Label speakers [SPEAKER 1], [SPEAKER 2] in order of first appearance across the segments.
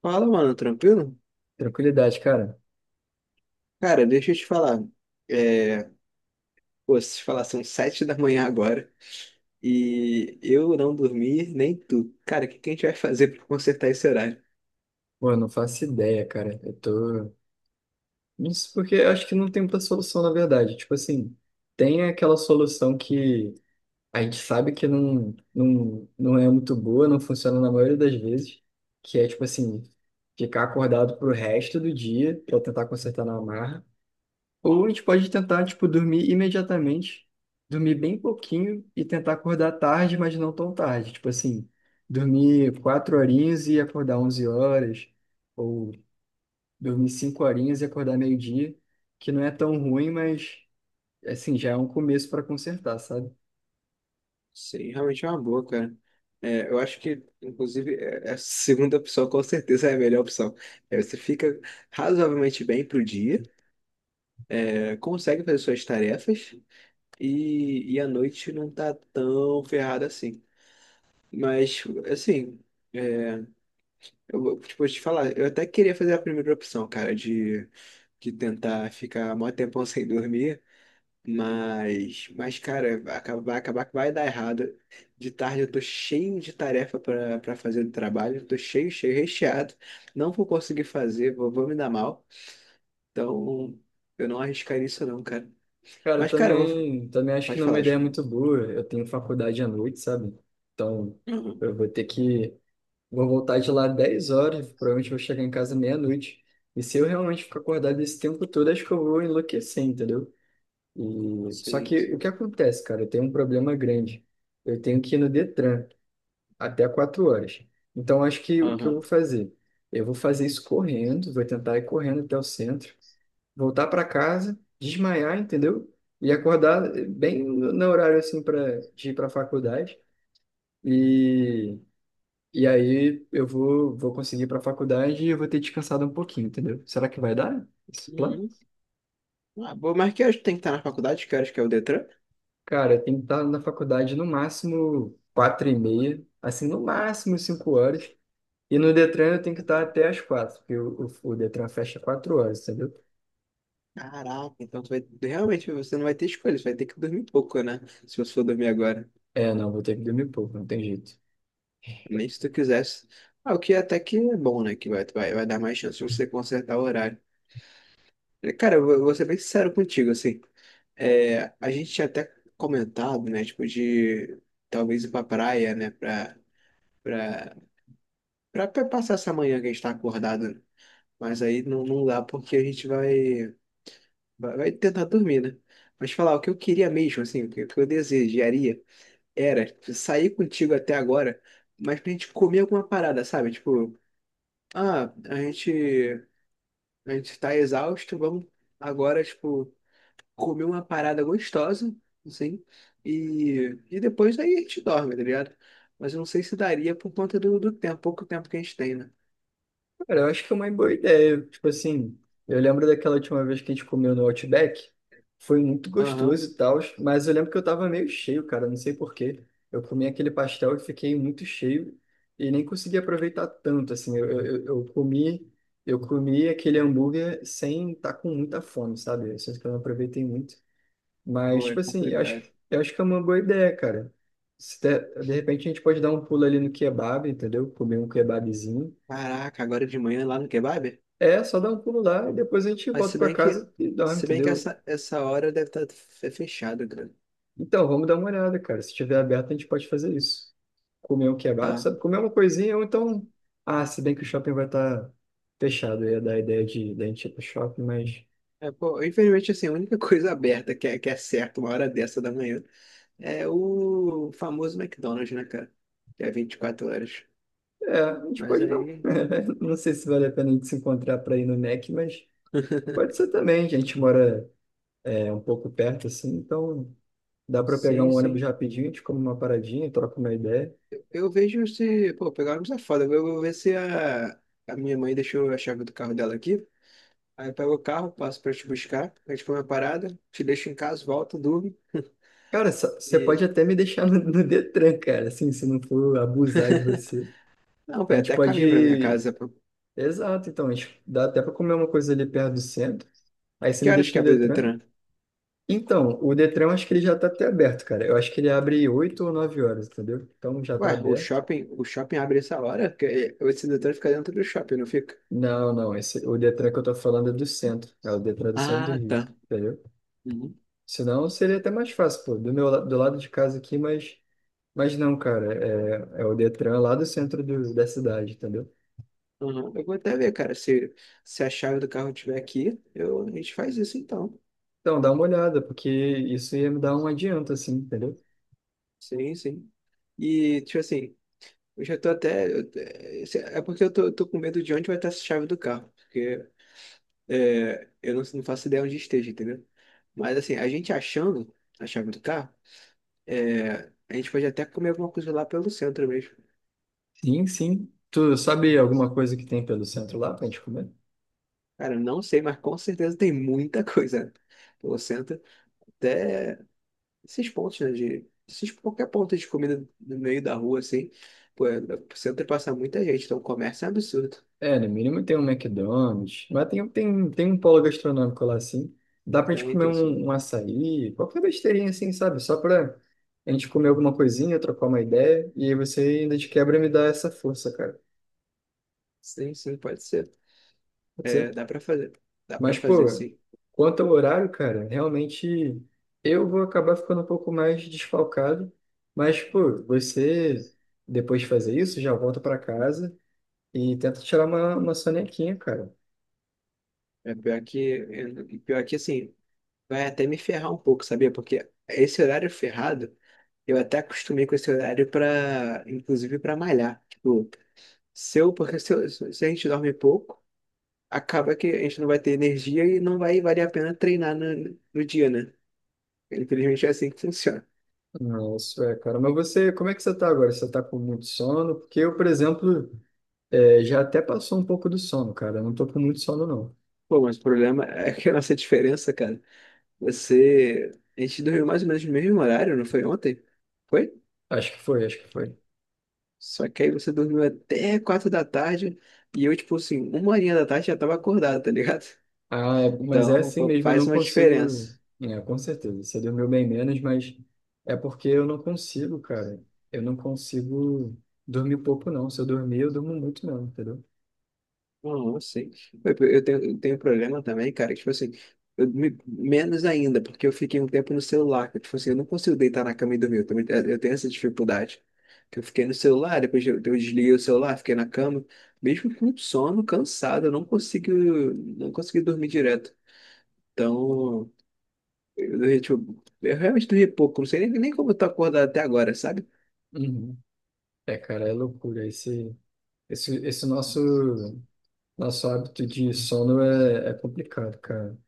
[SPEAKER 1] Fala, mano, tranquilo?
[SPEAKER 2] Tranquilidade, cara.
[SPEAKER 1] Cara, deixa eu te falar. É, pô, se te falar, são 7 da manhã agora e eu não dormi, nem tu. Cara, o que que a gente vai fazer pra consertar esse horário?
[SPEAKER 2] Pô, eu não faço ideia, cara. Eu tô. Isso porque eu acho que não tem muita solução, na verdade. Tipo assim, tem aquela solução que a gente sabe que não é muito boa, não funciona na maioria das vezes, que é, tipo assim, ficar acordado pro resto do dia pra tentar consertar na marra. Ou a gente pode tentar, tipo, dormir imediatamente, dormir bem pouquinho e tentar acordar tarde, mas não tão tarde. Tipo assim, dormir 4 horinhas e acordar 11 horas, ou dormir 5 horinhas e acordar meio-dia, que não é tão ruim, mas, assim, já é um começo para consertar, sabe?
[SPEAKER 1] Sim, realmente é uma boa, cara. É, eu acho que, inclusive, é a segunda opção com certeza é a melhor opção. É, você fica razoavelmente bem pro dia, é, consegue fazer suas tarefas e a noite não tá tão ferrada assim. Mas, assim. é, tipo, vou te falar, eu até queria fazer a primeira opção, cara, de tentar ficar mó tempão sem dormir, mas cara, vai acabar que vai dar errado. De tarde eu tô cheio de tarefa pra fazer do trabalho, tô cheio, cheio, recheado, não vou conseguir fazer, vou me dar mal, então eu não arriscaria isso não, cara.
[SPEAKER 2] Cara, eu
[SPEAKER 1] Mas, cara, eu vou...
[SPEAKER 2] também, também acho que
[SPEAKER 1] Pode
[SPEAKER 2] não é uma
[SPEAKER 1] falar,
[SPEAKER 2] ideia
[SPEAKER 1] acho.
[SPEAKER 2] muito boa. Eu tenho faculdade à noite, sabe? Então,
[SPEAKER 1] Uhum.
[SPEAKER 2] eu vou ter que vou voltar de lá 10 horas, provavelmente vou chegar em casa meia-noite. E se eu realmente ficar acordado esse tempo todo, acho que eu vou enlouquecer, entendeu? E só
[SPEAKER 1] Sim,
[SPEAKER 2] que o
[SPEAKER 1] sim,
[SPEAKER 2] que
[SPEAKER 1] sim.
[SPEAKER 2] acontece, cara? Eu tenho um problema grande. Eu tenho que ir no Detran até 4 horas. Então, acho que o que eu vou
[SPEAKER 1] Aham.
[SPEAKER 2] fazer? Eu vou fazer isso correndo, vou tentar ir correndo até o centro, voltar para casa, desmaiar, entendeu? E acordar bem no horário assim para de ir para a faculdade. e e aí eu vou conseguir ir para a faculdade e eu vou ter descansado um pouquinho, entendeu? Será que vai dar esse plano?
[SPEAKER 1] Uhum. Ah, bom, mas que horas tu tem que estar na faculdade, que horas que é o Detran?
[SPEAKER 2] Cara, tem que estar na faculdade no máximo 4h30, assim, no máximo 5 horas. E no Detran eu tenho que estar até as quatro, porque o Detran fecha 4 horas, entendeu?
[SPEAKER 1] Caraca, então tu vai, realmente você não vai ter escolha, você vai ter que dormir pouco, né? Se você for dormir agora,
[SPEAKER 2] É, não, vou ter que dormir pouco, não tem jeito.
[SPEAKER 1] nem se tu quisesse. Ah, o que é até que é bom, né? Que vai dar mais chance de você consertar o horário. Cara, eu vou ser bem sincero contigo, assim. É, a gente tinha até comentado, né? Tipo, de talvez ir pra praia, né? Pra, pra passar essa manhã que a gente tá acordado, né? Mas aí não, não dá porque a gente vai tentar dormir, né? Mas falar o que eu queria mesmo, assim, o que eu desejaria. Era, tipo, sair contigo até agora, mas pra gente comer alguma parada, sabe? Tipo, ah, a gente, a gente tá exausto, vamos agora, tipo, comer uma parada gostosa, assim, e depois aí a gente dorme, tá ligado? Mas eu não sei se daria por conta do tempo, pouco tempo que a gente tem, né?
[SPEAKER 2] Cara, eu acho que é uma boa ideia. Tipo assim, eu lembro daquela última vez que a gente comeu no Outback. Foi muito
[SPEAKER 1] Aham,
[SPEAKER 2] gostoso e tal, mas eu lembro que eu tava meio cheio, cara, não sei por quê. Eu comi aquele pastel e fiquei muito cheio e nem consegui aproveitar tanto, assim. Comi, eu comi aquele hambúrguer sem estar tá com muita fome, sabe? Eu sinto que eu não aproveitei muito. Mas,
[SPEAKER 1] pô, é
[SPEAKER 2] tipo assim,
[SPEAKER 1] complicado.
[SPEAKER 2] eu acho que é uma boa ideia, cara. Se der- De repente a gente pode dar um pulo ali no kebab, entendeu? Comer um kebabzinho.
[SPEAKER 1] Caraca, agora de manhã lá no kebab?
[SPEAKER 2] É, só dá um pulo lá e depois a gente
[SPEAKER 1] Mas
[SPEAKER 2] volta
[SPEAKER 1] se
[SPEAKER 2] pra
[SPEAKER 1] bem que,
[SPEAKER 2] casa e dorme,
[SPEAKER 1] se bem que
[SPEAKER 2] entendeu?
[SPEAKER 1] essa hora deve estar fechada, cara.
[SPEAKER 2] Então, vamos dar uma olhada, cara. Se tiver aberto, a gente pode fazer isso. Comer um kebab,
[SPEAKER 1] Tá.
[SPEAKER 2] sabe? Comer uma coisinha ou então. Ah, se bem que o shopping vai estar fechado, eu ia dar a ideia de, da gente ir pro shopping, mas.
[SPEAKER 1] É, pô, infelizmente, assim, a única coisa aberta que é certo uma hora dessa da manhã é o famoso McDonald's, né, cara? Que é 24 horas.
[SPEAKER 2] É, a gente
[SPEAKER 1] Mas
[SPEAKER 2] pode não.
[SPEAKER 1] aí.
[SPEAKER 2] Não sei se vale a pena a gente se encontrar pra ir no Mac, mas pode ser também. A gente mora é, um pouco perto, assim, então dá pra pegar
[SPEAKER 1] Sim,
[SPEAKER 2] um
[SPEAKER 1] sim.
[SPEAKER 2] ônibus rapidinho, a gente come uma paradinha, troca uma ideia.
[SPEAKER 1] Eu vejo se. Pô, pegar ônibus é foda. Eu vou ver se a minha mãe deixou a chave do carro dela aqui. Aí eu pego o carro, passo pra te buscar. A gente come a parada, te deixo em casa, volto, durmo.
[SPEAKER 2] Cara, só- você pode
[SPEAKER 1] E.
[SPEAKER 2] até me deixar no Detran, cara, assim, se não for abusar de você.
[SPEAKER 1] Não, pô,
[SPEAKER 2] A
[SPEAKER 1] é
[SPEAKER 2] gente
[SPEAKER 1] até caminho pra minha
[SPEAKER 2] pode.
[SPEAKER 1] casa, pô.
[SPEAKER 2] Exato, então, a gente dá até pra comer uma coisa ali perto do centro. Aí você
[SPEAKER 1] Que
[SPEAKER 2] me
[SPEAKER 1] horas
[SPEAKER 2] deixa
[SPEAKER 1] que
[SPEAKER 2] no
[SPEAKER 1] abre o
[SPEAKER 2] Detran.
[SPEAKER 1] Detran?
[SPEAKER 2] Então, o Detran eu acho que ele já tá até aberto, cara. Eu acho que ele abre 8 ou 9 horas, entendeu? Então já tá
[SPEAKER 1] Ué, o
[SPEAKER 2] aberto.
[SPEAKER 1] shopping, o shopping abre essa hora? O sedutor fica dentro do shopping, não fica?
[SPEAKER 2] Não, não, esse, o Detran que eu tô falando é do centro. É o Detran do centro do
[SPEAKER 1] Ah,
[SPEAKER 2] Rio,
[SPEAKER 1] tá.
[SPEAKER 2] entendeu?
[SPEAKER 1] Uhum.
[SPEAKER 2] Senão seria até mais fácil, pô, do lado de casa aqui, mas. Mas não, cara, é, é o Detran lá do centro da cidade, entendeu?
[SPEAKER 1] Uhum. Eu vou até ver, cara. Se a chave do carro tiver aqui, a gente faz isso então.
[SPEAKER 2] Então, dá uma olhada, porque isso ia me dar um adianto, assim, entendeu?
[SPEAKER 1] Sim, sim. E, tipo assim, eu já tô até. É porque eu tô com medo de onde vai estar essa chave do carro. Porque é, eu não faço ideia onde esteja, entendeu? Mas, assim, a gente achando a chave do carro, é, a gente pode até comer alguma coisa lá pelo centro mesmo.
[SPEAKER 2] Sim, sim. Tu sabe alguma coisa que tem pelo centro lá pra gente comer?
[SPEAKER 1] Cara, eu não sei, mas com certeza tem muita coisa. Pô, senta até esses pontos, né? Esses, qualquer ponto de comida no meio da rua, assim. Pô, senta e passa muita gente. Então, o comércio é um absurdo.
[SPEAKER 2] É, no mínimo tem um McDonald's, mas tem um polo gastronômico lá, assim. Dá pra gente
[SPEAKER 1] Tem,
[SPEAKER 2] comer
[SPEAKER 1] tem sim.
[SPEAKER 2] um açaí, qualquer besteirinha, assim, sabe? Só pra a gente comer alguma coisinha, trocar uma ideia, e aí você ainda de quebra me dá essa força, cara.
[SPEAKER 1] Sim, sim, pode ser.
[SPEAKER 2] Pode
[SPEAKER 1] É,
[SPEAKER 2] ser?
[SPEAKER 1] dá pra fazer. Dá pra
[SPEAKER 2] Mas,
[SPEAKER 1] fazer,
[SPEAKER 2] pô,
[SPEAKER 1] sim.
[SPEAKER 2] quanto ao horário, cara, realmente eu vou acabar ficando um pouco mais desfalcado. Mas, pô, você, depois de fazer isso, já volta pra casa e tenta tirar uma sonequinha, cara.
[SPEAKER 1] É pior que, assim, vai até me ferrar um pouco, sabia? Porque esse horário ferrado, eu até acostumei com esse horário para, inclusive, para malhar. Tipo, se eu, porque se, eu- se a gente dorme pouco. Acaba que a gente não vai ter energia e não vai valer a pena treinar no dia, né? Infelizmente é assim que funciona.
[SPEAKER 2] Não, é, cara. Mas você, como é que você tá agora? Você tá com muito sono? Porque eu, por exemplo, é, já até passou um pouco do sono, cara. Eu não tô com muito sono, não.
[SPEAKER 1] Pô, mas o problema é que a nossa diferença, cara, você. A gente dormiu mais ou menos no mesmo horário, não foi ontem? Foi?
[SPEAKER 2] Acho que foi, acho que foi.
[SPEAKER 1] Só que aí você dormiu até 4 da tarde e eu, tipo assim, uma horinha da tarde já tava acordado, tá ligado?
[SPEAKER 2] Mas é
[SPEAKER 1] Então,
[SPEAKER 2] assim
[SPEAKER 1] pô,
[SPEAKER 2] mesmo, eu
[SPEAKER 1] faz
[SPEAKER 2] não
[SPEAKER 1] uma
[SPEAKER 2] consigo.
[SPEAKER 1] diferença.
[SPEAKER 2] É, com certeza, você dormiu bem menos, mas é porque eu não consigo, cara. Eu não consigo dormir pouco, não. Se eu dormir, eu durmo muito, não, entendeu?
[SPEAKER 1] Não, eu sei. Eu tenho problema também, cara. Tipo assim, eu menos ainda, porque eu fiquei um tempo no celular. Tipo assim, eu não consigo deitar na cama e dormir. Eu, também, é, eu tenho essa dificuldade. Que eu fiquei no celular, depois eu desliguei o celular, fiquei na cama. Mesmo com sono, cansado, eu não consegui dormir direto. Então, eu realmente dormi pouco. Não sei nem como eu tô acordado até agora, sabe?
[SPEAKER 2] Uhum. É, cara, é loucura. Esse, esse nosso, Nosso hábito de sono é complicado, cara.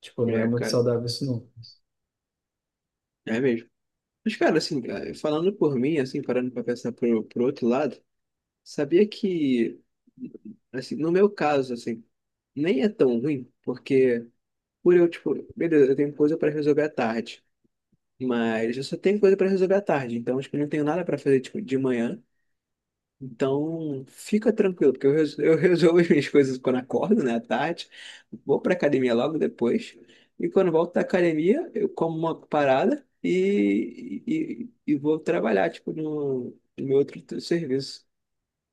[SPEAKER 2] Tipo, não é
[SPEAKER 1] É,
[SPEAKER 2] muito
[SPEAKER 1] cara,
[SPEAKER 2] saudável isso, não.
[SPEAKER 1] é mesmo. Mas, cara, assim, é, falando por mim, assim, parando pra pensar pro outro lado. Sabia que, assim, no meu caso, assim, nem é tão ruim, porque tipo, beleza, eu tenho coisa para resolver à tarde, mas eu só tenho coisa para resolver à tarde, então, tipo, eu não tenho nada para fazer, tipo, de manhã, então fica tranquilo, porque eu resolvo as minhas coisas quando acordo, né, à tarde, vou pra academia logo depois, e quando volto da academia, eu como uma parada e vou trabalhar, tipo, no meu outro serviço.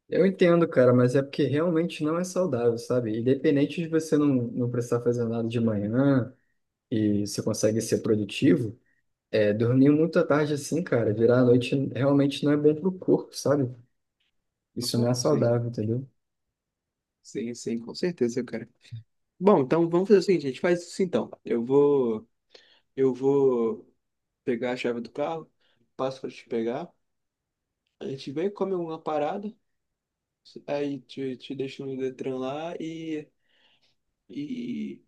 [SPEAKER 2] Eu entendo, cara, mas é porque realmente não é saudável, sabe? Independente de você não precisar fazer nada de manhã e você consegue ser produtivo. É, dormir muito à tarde assim, cara, virar a noite realmente não é bom pro corpo, sabe? Isso não é
[SPEAKER 1] Sim.
[SPEAKER 2] saudável, entendeu?
[SPEAKER 1] Sim, sim, com certeza, cara. Bom, então vamos fazer o seguinte, a gente faz isso então. Eu vou pegar a chave do carro, passo para te pegar, a gente vem, come uma parada, aí te deixo no Detran lá e,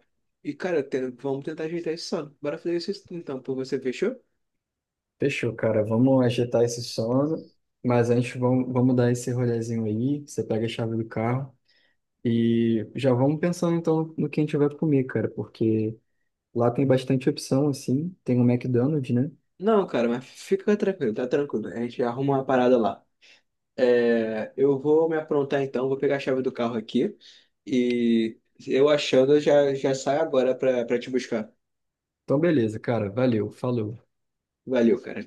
[SPEAKER 1] e cara, vamos tentar ajeitar isso só. Bora fazer isso então, por você, fechou?
[SPEAKER 2] Fechou, cara. Vamos agitar esse sono, mas antes vamos dar esse rolezinho aí. Você pega a chave do carro e já vamos pensando então no que a gente vai comer, cara, porque lá tem bastante opção, assim. Tem o McDonald's, né?
[SPEAKER 1] Não, cara, mas fica tranquilo, tá tranquilo. A gente arruma uma parada lá. É, eu vou me aprontar então, vou pegar a chave do carro aqui e eu achando, eu já saio agora para te buscar.
[SPEAKER 2] Então, beleza, cara. Valeu, falou.
[SPEAKER 1] Valeu, cara.